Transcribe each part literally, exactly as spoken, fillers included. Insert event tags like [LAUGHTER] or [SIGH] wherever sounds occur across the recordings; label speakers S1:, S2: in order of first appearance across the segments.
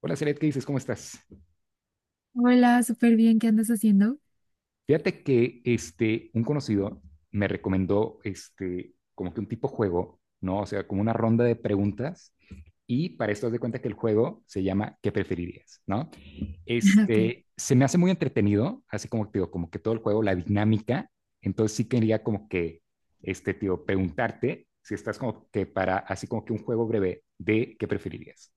S1: Hola, Celet, ¿qué dices? ¿Cómo estás?
S2: Hola, súper bien, ¿qué andas haciendo?
S1: Fíjate que este, un conocido me recomendó este, como que un tipo juego, ¿no? O sea, como una ronda de preguntas. Y para esto, haz de cuenta que el juego se llama ¿Qué preferirías? ¿No?
S2: [LAUGHS] Ok.
S1: Este, se me hace muy entretenido, así como te digo, como que todo el juego, la dinámica. Entonces sí quería como que, este, tío, preguntarte si estás como que para, así como que un juego breve de ¿Qué preferirías?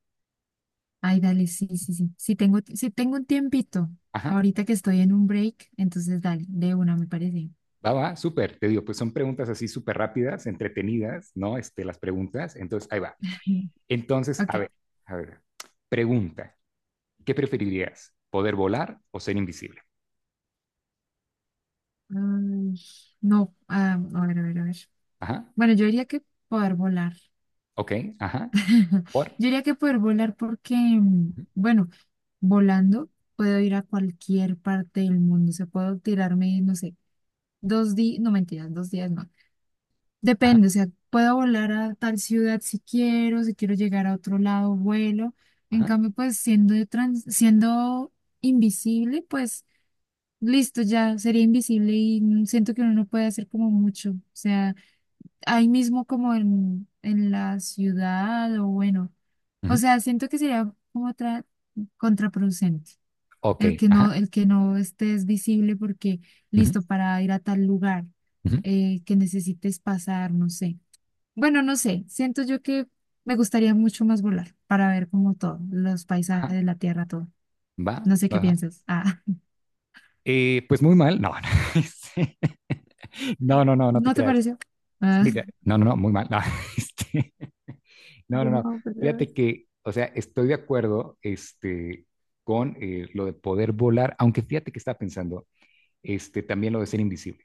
S2: Ay, dale, sí, sí, sí. Sí tengo, sí tengo un tiempito.
S1: Ajá.
S2: Ahorita que estoy en un break, entonces dale, de una me parece.
S1: Va, va, súper, te digo, pues son preguntas así súper rápidas, entretenidas, ¿no? Este, las preguntas. Entonces, ahí va.
S2: [LAUGHS]
S1: Entonces, a
S2: Ok.
S1: ver, a ver. Pregunta, ¿qué preferirías? ¿Poder volar o ser invisible?
S2: Ay, no, ah, a ver, a ver, a ver.
S1: Ajá,
S2: Bueno, yo diría que poder volar.
S1: ok,
S2: [LAUGHS]
S1: ajá,
S2: Yo
S1: por,
S2: diría que poder volar porque, mm,
S1: ujú,
S2: bueno, volando puedo ir a cualquier parte del mundo. O sea, puedo tirarme, no sé, dos días, no mentiras, dos días no.
S1: ajá,
S2: Depende, o sea, puedo volar a tal ciudad si quiero, si quiero llegar a otro lado, vuelo. En
S1: ajá,
S2: cambio, pues siendo de trans- siendo invisible, pues listo, ya sería invisible y mm, siento que uno no puede hacer como mucho. O sea, ahí mismo como en, en la ciudad o bueno. O
S1: ujú,
S2: sea, siento que sería como otra contraproducente.
S1: ok,
S2: El que
S1: ajá,
S2: no, el que no estés visible porque
S1: ujú,
S2: listo para ir a tal lugar
S1: ujú,
S2: eh, que necesites pasar, no sé. Bueno, no sé, siento yo que me gustaría mucho más volar para ver como todo, los
S1: ajá,
S2: paisajes, la tierra, todo.
S1: va,
S2: No sé
S1: va.
S2: qué
S1: Va.
S2: piensas. Ah,
S1: Eh, pues muy mal, no, [LAUGHS] no, este, no,
S2: [LAUGHS]
S1: no, no, no te
S2: ¿no te
S1: creas.
S2: pareció? Ah,
S1: Mira, no, no, no, muy mal, no, [LAUGHS] este, No, no, no.
S2: no, pues,
S1: Fíjate
S2: ¿sabes?
S1: que, o sea, estoy de acuerdo este, con eh, lo de poder volar, aunque fíjate que estaba pensando este, también lo de ser invisible.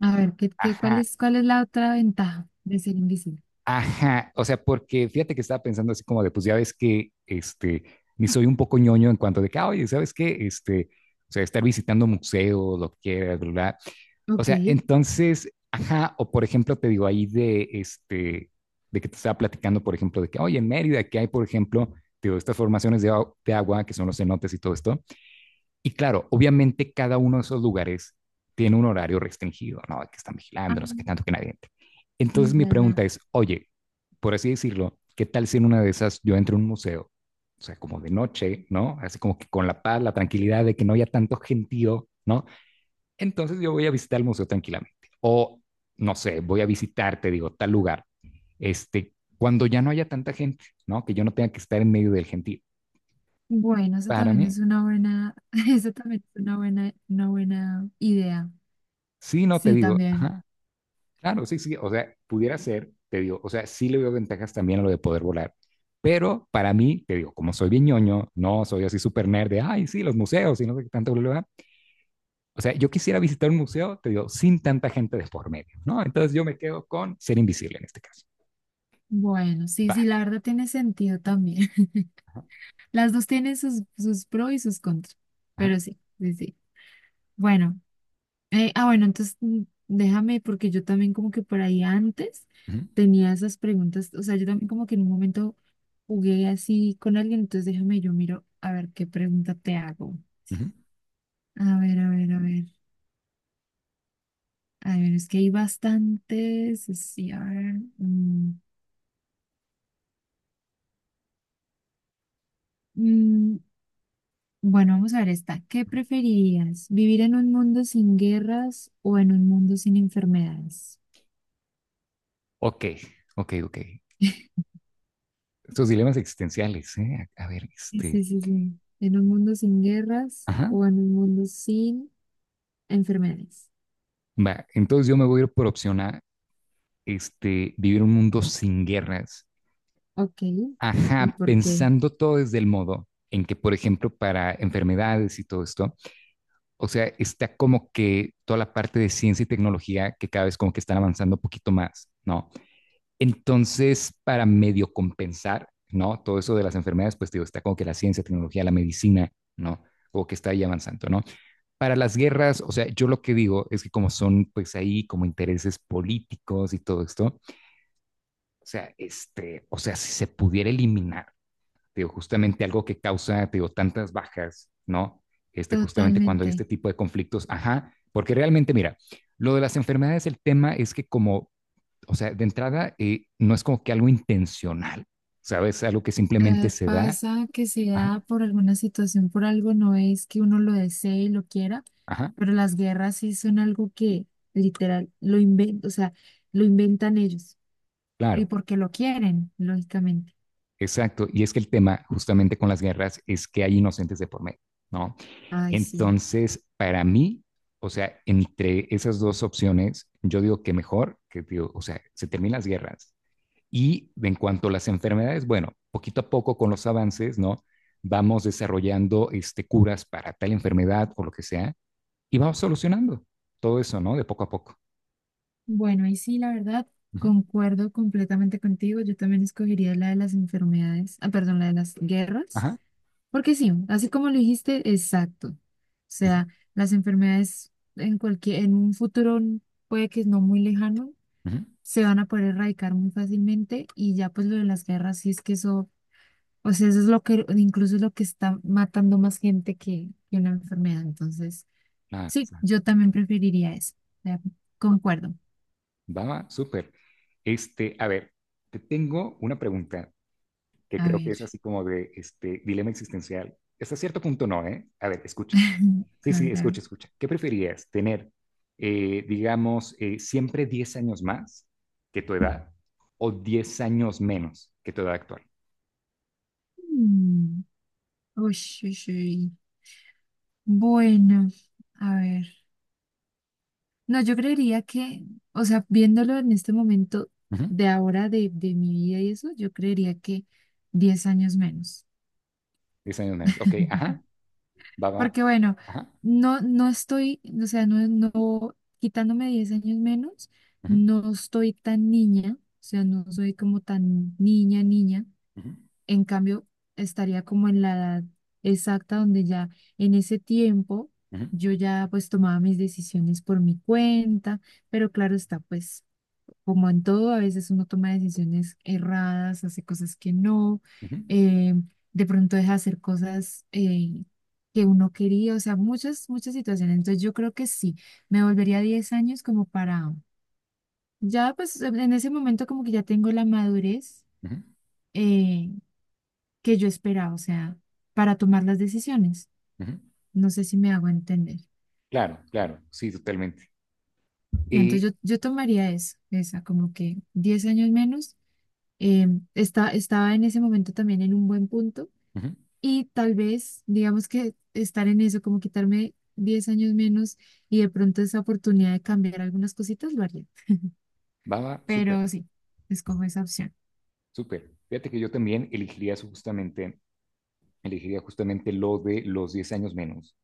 S2: A ver, ¿qué, qué, ¿cuál
S1: Ajá,
S2: es, cuál es la otra ventaja de ser invisible?
S1: ajá, o sea, porque fíjate que estaba pensando así como de, pues ya ves que, este, ni soy un poco ñoño en cuanto de que, "Ah, oye, ¿sabes qué? Este, o sea, estar visitando museos, lo que quieras, ¿verdad? O
S2: Ok.
S1: sea, entonces, ajá, o por ejemplo, te digo ahí de, este, de que te estaba platicando, por ejemplo, de que, oye, en Mérida, que hay, por ejemplo, te digo, estas formaciones de, au- de agua, que son los cenotes y todo esto, y claro, obviamente cada uno de esos lugares tiene un horario restringido, ¿no? Que están
S2: Ah,
S1: vigilando, no sé qué tanto que nadie entre. Entonces
S2: sí,
S1: mi
S2: ya,
S1: pregunta
S2: ya.
S1: es, oye, por así decirlo, ¿qué tal si en una de esas yo entro a un museo? O sea, como de noche, ¿no? Así como que con la paz, la tranquilidad de que no haya tanto gentío, ¿no? Entonces yo voy a visitar el museo tranquilamente. O, no sé, voy a visitar, te digo, tal lugar, este, cuando ya no haya tanta gente, ¿no? Que yo no tenga que estar en medio del gentío.
S2: Bueno, eso
S1: Para
S2: también
S1: mí,
S2: es una buena, [LAUGHS] eso también es una buena, una buena idea.
S1: sí, no te
S2: Sí,
S1: digo,
S2: también.
S1: ajá, claro, sí, sí, o sea, pudiera ser, te digo, o sea, sí le veo ventajas también a lo de poder volar, pero para mí, te digo, como soy bien ñoño, no soy así súper nerd de, ay, sí, los museos y no sé qué tanto, bla, bla, bla. O sea, yo quisiera visitar un museo, te digo, sin tanta gente de por medio, ¿no? Entonces yo me quedo con ser invisible en este caso.
S2: Bueno, sí,
S1: Va.
S2: sí, la verdad tiene sentido también.
S1: Ajá,
S2: [LAUGHS] Las dos tienen sus, sus pros y sus contras,
S1: ajá,
S2: pero sí, sí, sí. Bueno, eh, ah, bueno, entonces mm, déjame, porque yo también como que por ahí antes
S1: ujú,
S2: tenía esas preguntas, o sea, yo también como que en un momento jugué así con alguien, entonces déjame, yo miro a ver qué pregunta te hago.
S1: ujú.
S2: A ver, a ver, a ver. A ver, es que hay bastantes, sí, a ver. mm, mm, bueno, vamos a ver esta. ¿Qué preferirías? ¿Vivir en un mundo sin guerras o en un mundo sin enfermedades?
S1: Ok, ok, ok. Estos dilemas existenciales, ¿eh? A a ver,
S2: Sí,
S1: este,
S2: sí, sí, sí. ¿En un mundo sin guerras
S1: ajá.
S2: o en un mundo sin enfermedades?
S1: Va, entonces yo me voy a ir por opción A, este, vivir un mundo sin guerras.
S2: Ok. ¿Y
S1: Ajá,
S2: por qué?
S1: pensando todo desde el modo en que, por ejemplo, para enfermedades y todo esto, o sea, está como que toda la parte de ciencia y tecnología que cada vez como que están avanzando un poquito más, ¿no? Entonces, para medio compensar, ¿no? Todo eso de las enfermedades, pues digo, está como que la ciencia, tecnología, la medicina, ¿no? O que está ahí avanzando, ¿no? Para las guerras, o sea, yo lo que digo es que como son pues ahí como intereses políticos y todo esto, o sea, este, o sea, si se pudiera eliminar, digo, justamente algo que causa, digo, tantas bajas, ¿no? Este, justamente cuando hay
S2: Totalmente.
S1: este tipo de conflictos, ajá, porque realmente, mira, lo de las enfermedades, el tema es que como, o sea, de entrada, eh, no es como que algo intencional, ¿sabes? Algo que simplemente
S2: Eh,
S1: se da,
S2: pasa que se da
S1: ajá,
S2: por alguna situación, por algo, no es que uno lo desee y lo quiera,
S1: ajá,
S2: pero las guerras sí son algo que literal lo inventan, o sea, lo inventan ellos y
S1: claro,
S2: porque lo quieren, lógicamente.
S1: exacto. Y es que el tema justamente con las guerras es que hay inocentes de por medio, ¿no?
S2: Ay, sí.
S1: Entonces, para mí, o sea, entre esas dos opciones, yo digo que mejor que, digo, o sea, se terminan las guerras, y en cuanto a las enfermedades, bueno, poquito a poco con los avances, ¿no? Vamos desarrollando este, curas para tal enfermedad o lo que sea y vamos solucionando todo eso, ¿no? De poco a poco.
S2: Bueno, y sí, la verdad,
S1: Ujú,
S2: concuerdo completamente contigo. Yo también escogería la de las enfermedades, ah, perdón, la de las guerras.
S1: ajá.
S2: Porque sí, así como lo dijiste, exacto. O
S1: Ujú,
S2: sea, las enfermedades en cualquier, en un futuro puede que no muy lejano,
S1: ujú.
S2: se van a poder erradicar muy fácilmente y ya pues lo de las guerras, sí es que eso, o sea, eso es lo que, incluso es lo que está matando más gente que, que una enfermedad. Entonces,
S1: Ah,
S2: sí, yo también preferiría eso. O sea, concuerdo.
S1: va, va, súper. Este, a ver, te tengo una pregunta que
S2: A
S1: creo que
S2: ver,
S1: es así como de este dilema existencial. Hasta cierto punto no, ¿eh? A ver, escucha.
S2: [LAUGHS]
S1: Sí,
S2: a
S1: sí,
S2: ver, a ver.
S1: escucha, escucha. ¿Qué preferirías? ¿Tener, eh, digamos, eh, siempre diez años más que tu edad o diez años menos que tu edad actual?
S2: Mm, ush, ush, uy. Bueno, a ver. No, yo creería que, o sea, viéndolo en este momento
S1: Ujú,
S2: de ahora de, de mi vida y eso, yo creería que diez años menos.
S1: diez años menos. Ok,
S2: [LAUGHS]
S1: ajá, va, va.
S2: Porque bueno,
S1: Ajá,
S2: no, no estoy, o sea, no, no, quitándome diez años menos,
S1: ujú,
S2: no estoy tan niña, o sea, no soy como tan niña, niña.
S1: ujú,
S2: En cambio, estaría como en la edad exacta donde ya en ese tiempo
S1: ujú,
S2: yo ya pues tomaba mis decisiones por mi cuenta, pero claro está, pues como en todo, a veces uno toma decisiones erradas, hace cosas que no,
S1: ujú,
S2: eh, de pronto deja de hacer cosas eh, que uno quería, o sea, muchas, muchas situaciones. Entonces yo creo que sí, me volvería a diez años como para, ya pues en ese momento como que ya tengo la madurez
S1: ujú,
S2: eh, que yo esperaba, o sea, para tomar las decisiones.
S1: ujú,
S2: No sé si me hago entender.
S1: claro, claro, sí, totalmente.
S2: Y
S1: Y
S2: entonces yo, yo tomaría eso, esa, como que diez años menos. Eh, está, Estaba en ese momento también en un buen punto.
S1: ujú.
S2: Y tal vez, digamos que estar en eso, como quitarme diez años menos y de pronto esa oportunidad de cambiar algunas cositas, lo haría.
S1: Va, va, súper,
S2: Pero sí, es como esa opción.
S1: súper. Fíjate que yo también elegiría eso justamente, elegiría justamente lo de los diez años menos,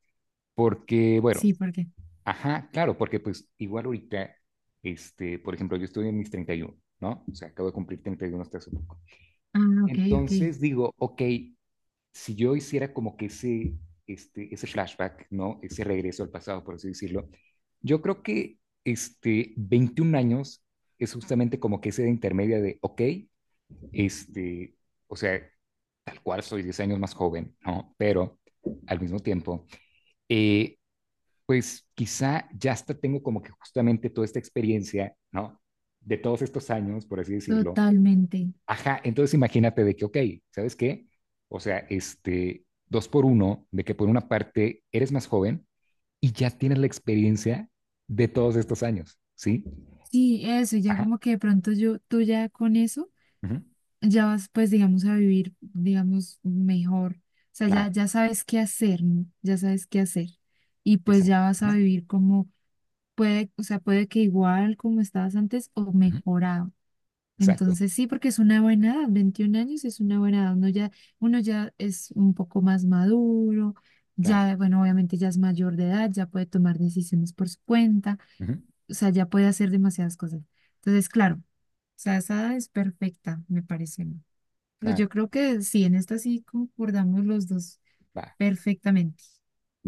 S1: porque, bueno,
S2: Sí, porque.
S1: ajá, claro, porque pues igual ahorita, este, por ejemplo, yo estoy en mis treinta y uno, ¿no? O sea, acabo de cumplir treinta y uno, hasta hace poco.
S2: Ah, ok, ok.
S1: Entonces digo, ok, si yo hiciera como que ese, este, ese flashback, ¿no? Ese regreso al pasado, por así decirlo, yo creo que este, veintiún años es justamente como que ese de intermedia de, ok, este, o sea, tal cual soy diez años más joven, ¿no? Pero al mismo tiempo, eh, pues quizá ya hasta tengo como que justamente toda esta experiencia, ¿no? De todos estos años, por así decirlo.
S2: Totalmente.
S1: Ajá, entonces imagínate de que, ok, ¿sabes qué? O sea, este, dos por uno, de que por una parte eres más joven y ya tienes la experiencia de todos estos años, ¿sí?
S2: Sí, eso, ya
S1: Ajá,
S2: como que de pronto yo, tú ya con eso,
S1: ujú,
S2: ya vas, pues, digamos, a vivir, digamos, mejor. O sea,
S1: claro,
S2: ya, ya sabes qué hacer, ¿no? Ya sabes qué hacer. Y pues ya
S1: exacto,
S2: vas a
S1: ajá,
S2: vivir como puede, o sea, puede que igual como estabas antes o
S1: ujú,
S2: mejorado.
S1: exacto,
S2: Entonces sí, porque es una buena edad, veintiún años es una buena edad, uno ya, uno ya es un poco más maduro,
S1: claro,
S2: ya, bueno, obviamente ya es mayor de edad, ya puede tomar decisiones por su cuenta,
S1: ujú,
S2: o sea, ya puede hacer demasiadas cosas. Entonces, claro, o sea, esa edad es perfecta, me parece a mí. No,
S1: claro,
S2: yo creo que sí, en esta sí concordamos los dos
S1: va,
S2: perfectamente.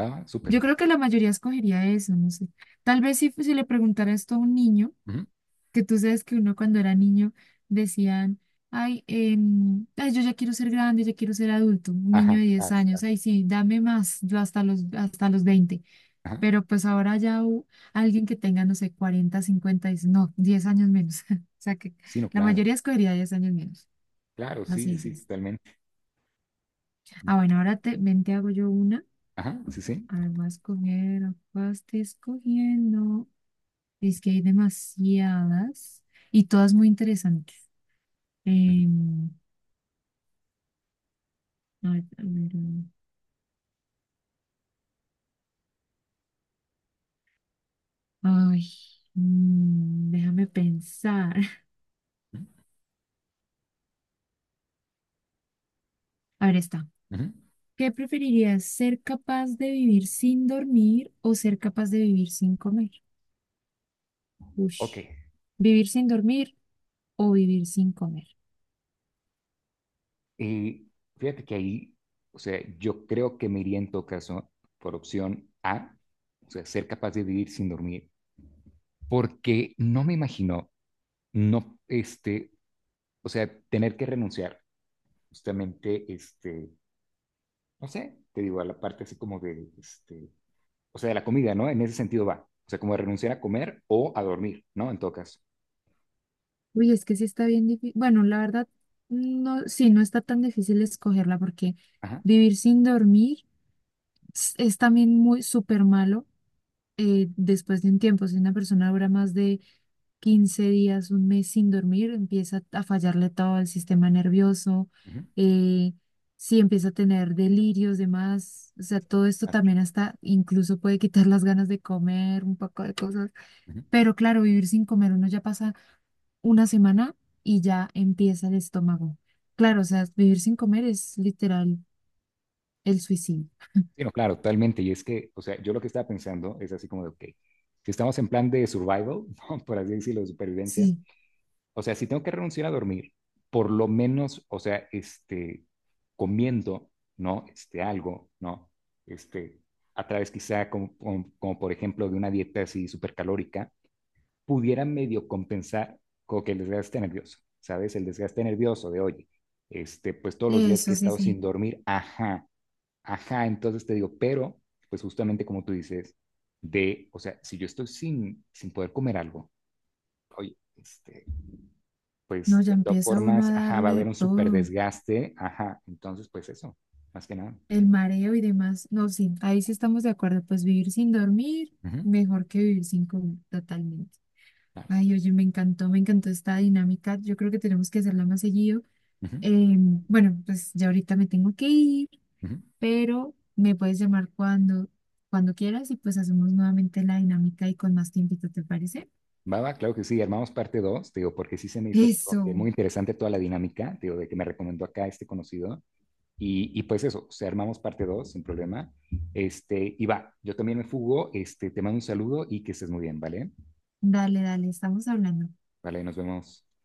S1: va, va,
S2: Yo
S1: súper,
S2: creo que la mayoría escogería eso, no sé. Tal vez si, si le preguntara esto a un niño
S1: ujú,
S2: que tú sabes que uno cuando era niño decían, ay, em, ay, yo ya quiero ser grande, ya quiero ser adulto, un niño
S1: ajá,
S2: de diez
S1: claro,
S2: años,
S1: claro,
S2: ay, sí, dame más, yo hasta los, hasta los veinte,
S1: ajá,
S2: pero pues ahora ya u- alguien que tenga, no sé, cuarenta cincuenta dice, no, diez años menos, [LAUGHS] o sea que
S1: sí, no,
S2: la
S1: claro,
S2: mayoría escogería diez años menos,
S1: claro,
S2: así
S1: sí,
S2: es,
S1: sí,
S2: es.
S1: totalmente,
S2: Ah, bueno, ahora te, ven, te hago yo una,
S1: ajá, sí, sí.
S2: además coger, acá estoy escogiendo, es que hay demasiadas y todas muy interesantes.
S1: Ujú,
S2: Em, Ay, a ver, mm, ay, mm, déjame pensar. [LAUGHS]
S1: ujú.
S2: A ver, está.
S1: Ujú.
S2: ¿Qué preferirías, ser capaz de vivir sin dormir o ser capaz de vivir sin comer?
S1: Ok,
S2: Ush. ¿Vivir sin dormir o vivir sin comer?
S1: y fíjate que ahí, o sea, yo creo que me iría en todo caso por opción A, o sea, ser capaz de vivir sin dormir, porque no me imagino, no, este, o sea, tener que renunciar justamente, este, no sé, te digo, a la parte así como de, este, o sea, de la comida, ¿no? En ese sentido va, o sea, como de renunciar a comer o a dormir, ¿no? En todo caso.
S2: Uy, es que sí está bien difícil. Bueno, la verdad, no, sí, no está tan difícil escogerla porque
S1: Ajá.
S2: vivir sin dormir s- es también muy súper malo. Eh, después de un tiempo, si una persona dura más de quince días, un mes sin dormir, empieza a fallarle todo el sistema nervioso,
S1: Ujú,
S2: eh, sí empieza a tener delirios, demás, o sea, todo esto
S1: claro, claro.
S2: también hasta incluso puede quitar las ganas de comer, un poco de cosas, pero claro, vivir sin comer, uno ya pasa una semana y ya empieza el estómago. Claro, o
S1: Ujú.
S2: sea, vivir sin comer es literal el suicidio.
S1: Sí, no, claro, totalmente. Y es que, o sea, yo lo que estaba pensando es así como de, ok, si estamos en plan de survival, [LAUGHS] ¿no? Por así decirlo, de supervivencia,
S2: Sí,
S1: o sea, si tengo que renunciar a dormir, por lo menos, o sea, este, comiendo, ¿no? Este, algo, ¿no? Este, a través quizá como, como, como por ejemplo de una dieta así supercalórica, pudiera medio compensar como que el desgaste nervioso, ¿sabes? El desgaste nervioso de, oye, este, pues todos los días que
S2: eso
S1: he
S2: sí,
S1: estado sin
S2: sí.
S1: dormir, ajá, ajá, entonces te digo, pero, pues justamente como tú dices, de, o sea, si yo estoy sin, sin poder comer algo, oye, este,
S2: No,
S1: pues
S2: ya
S1: de todas
S2: empieza uno
S1: formas,
S2: a
S1: ajá, va a haber
S2: darle
S1: un súper
S2: todo,
S1: desgaste, ajá, entonces pues eso, más que nada.
S2: el mareo y demás. No, sí, ahí sí estamos de acuerdo. Pues vivir sin dormir,
S1: Ujú,
S2: mejor que vivir sin comer, totalmente.
S1: ah,
S2: Ay, oye, me encantó, me encantó esta dinámica. Yo creo que tenemos que hacerla más seguido.
S1: ujú,
S2: Eh, bueno, pues ya ahorita me tengo que ir,
S1: ujú.
S2: pero me puedes llamar cuando, cuando quieras y pues hacemos nuevamente la dinámica y con más tiempito, ¿te parece?
S1: Va, va, claro que sí, armamos parte dos, te digo, porque sí se me hizo como que
S2: Eso,
S1: muy interesante toda la dinámica, te digo, de que me recomendó acá este conocido, y, y pues eso, o sea, armamos parte dos, sin problema, este, y va, yo también me fugo, este, te mando un saludo y que estés muy bien, ¿vale?
S2: dale, dale, estamos hablando.
S1: Vale, nos vemos.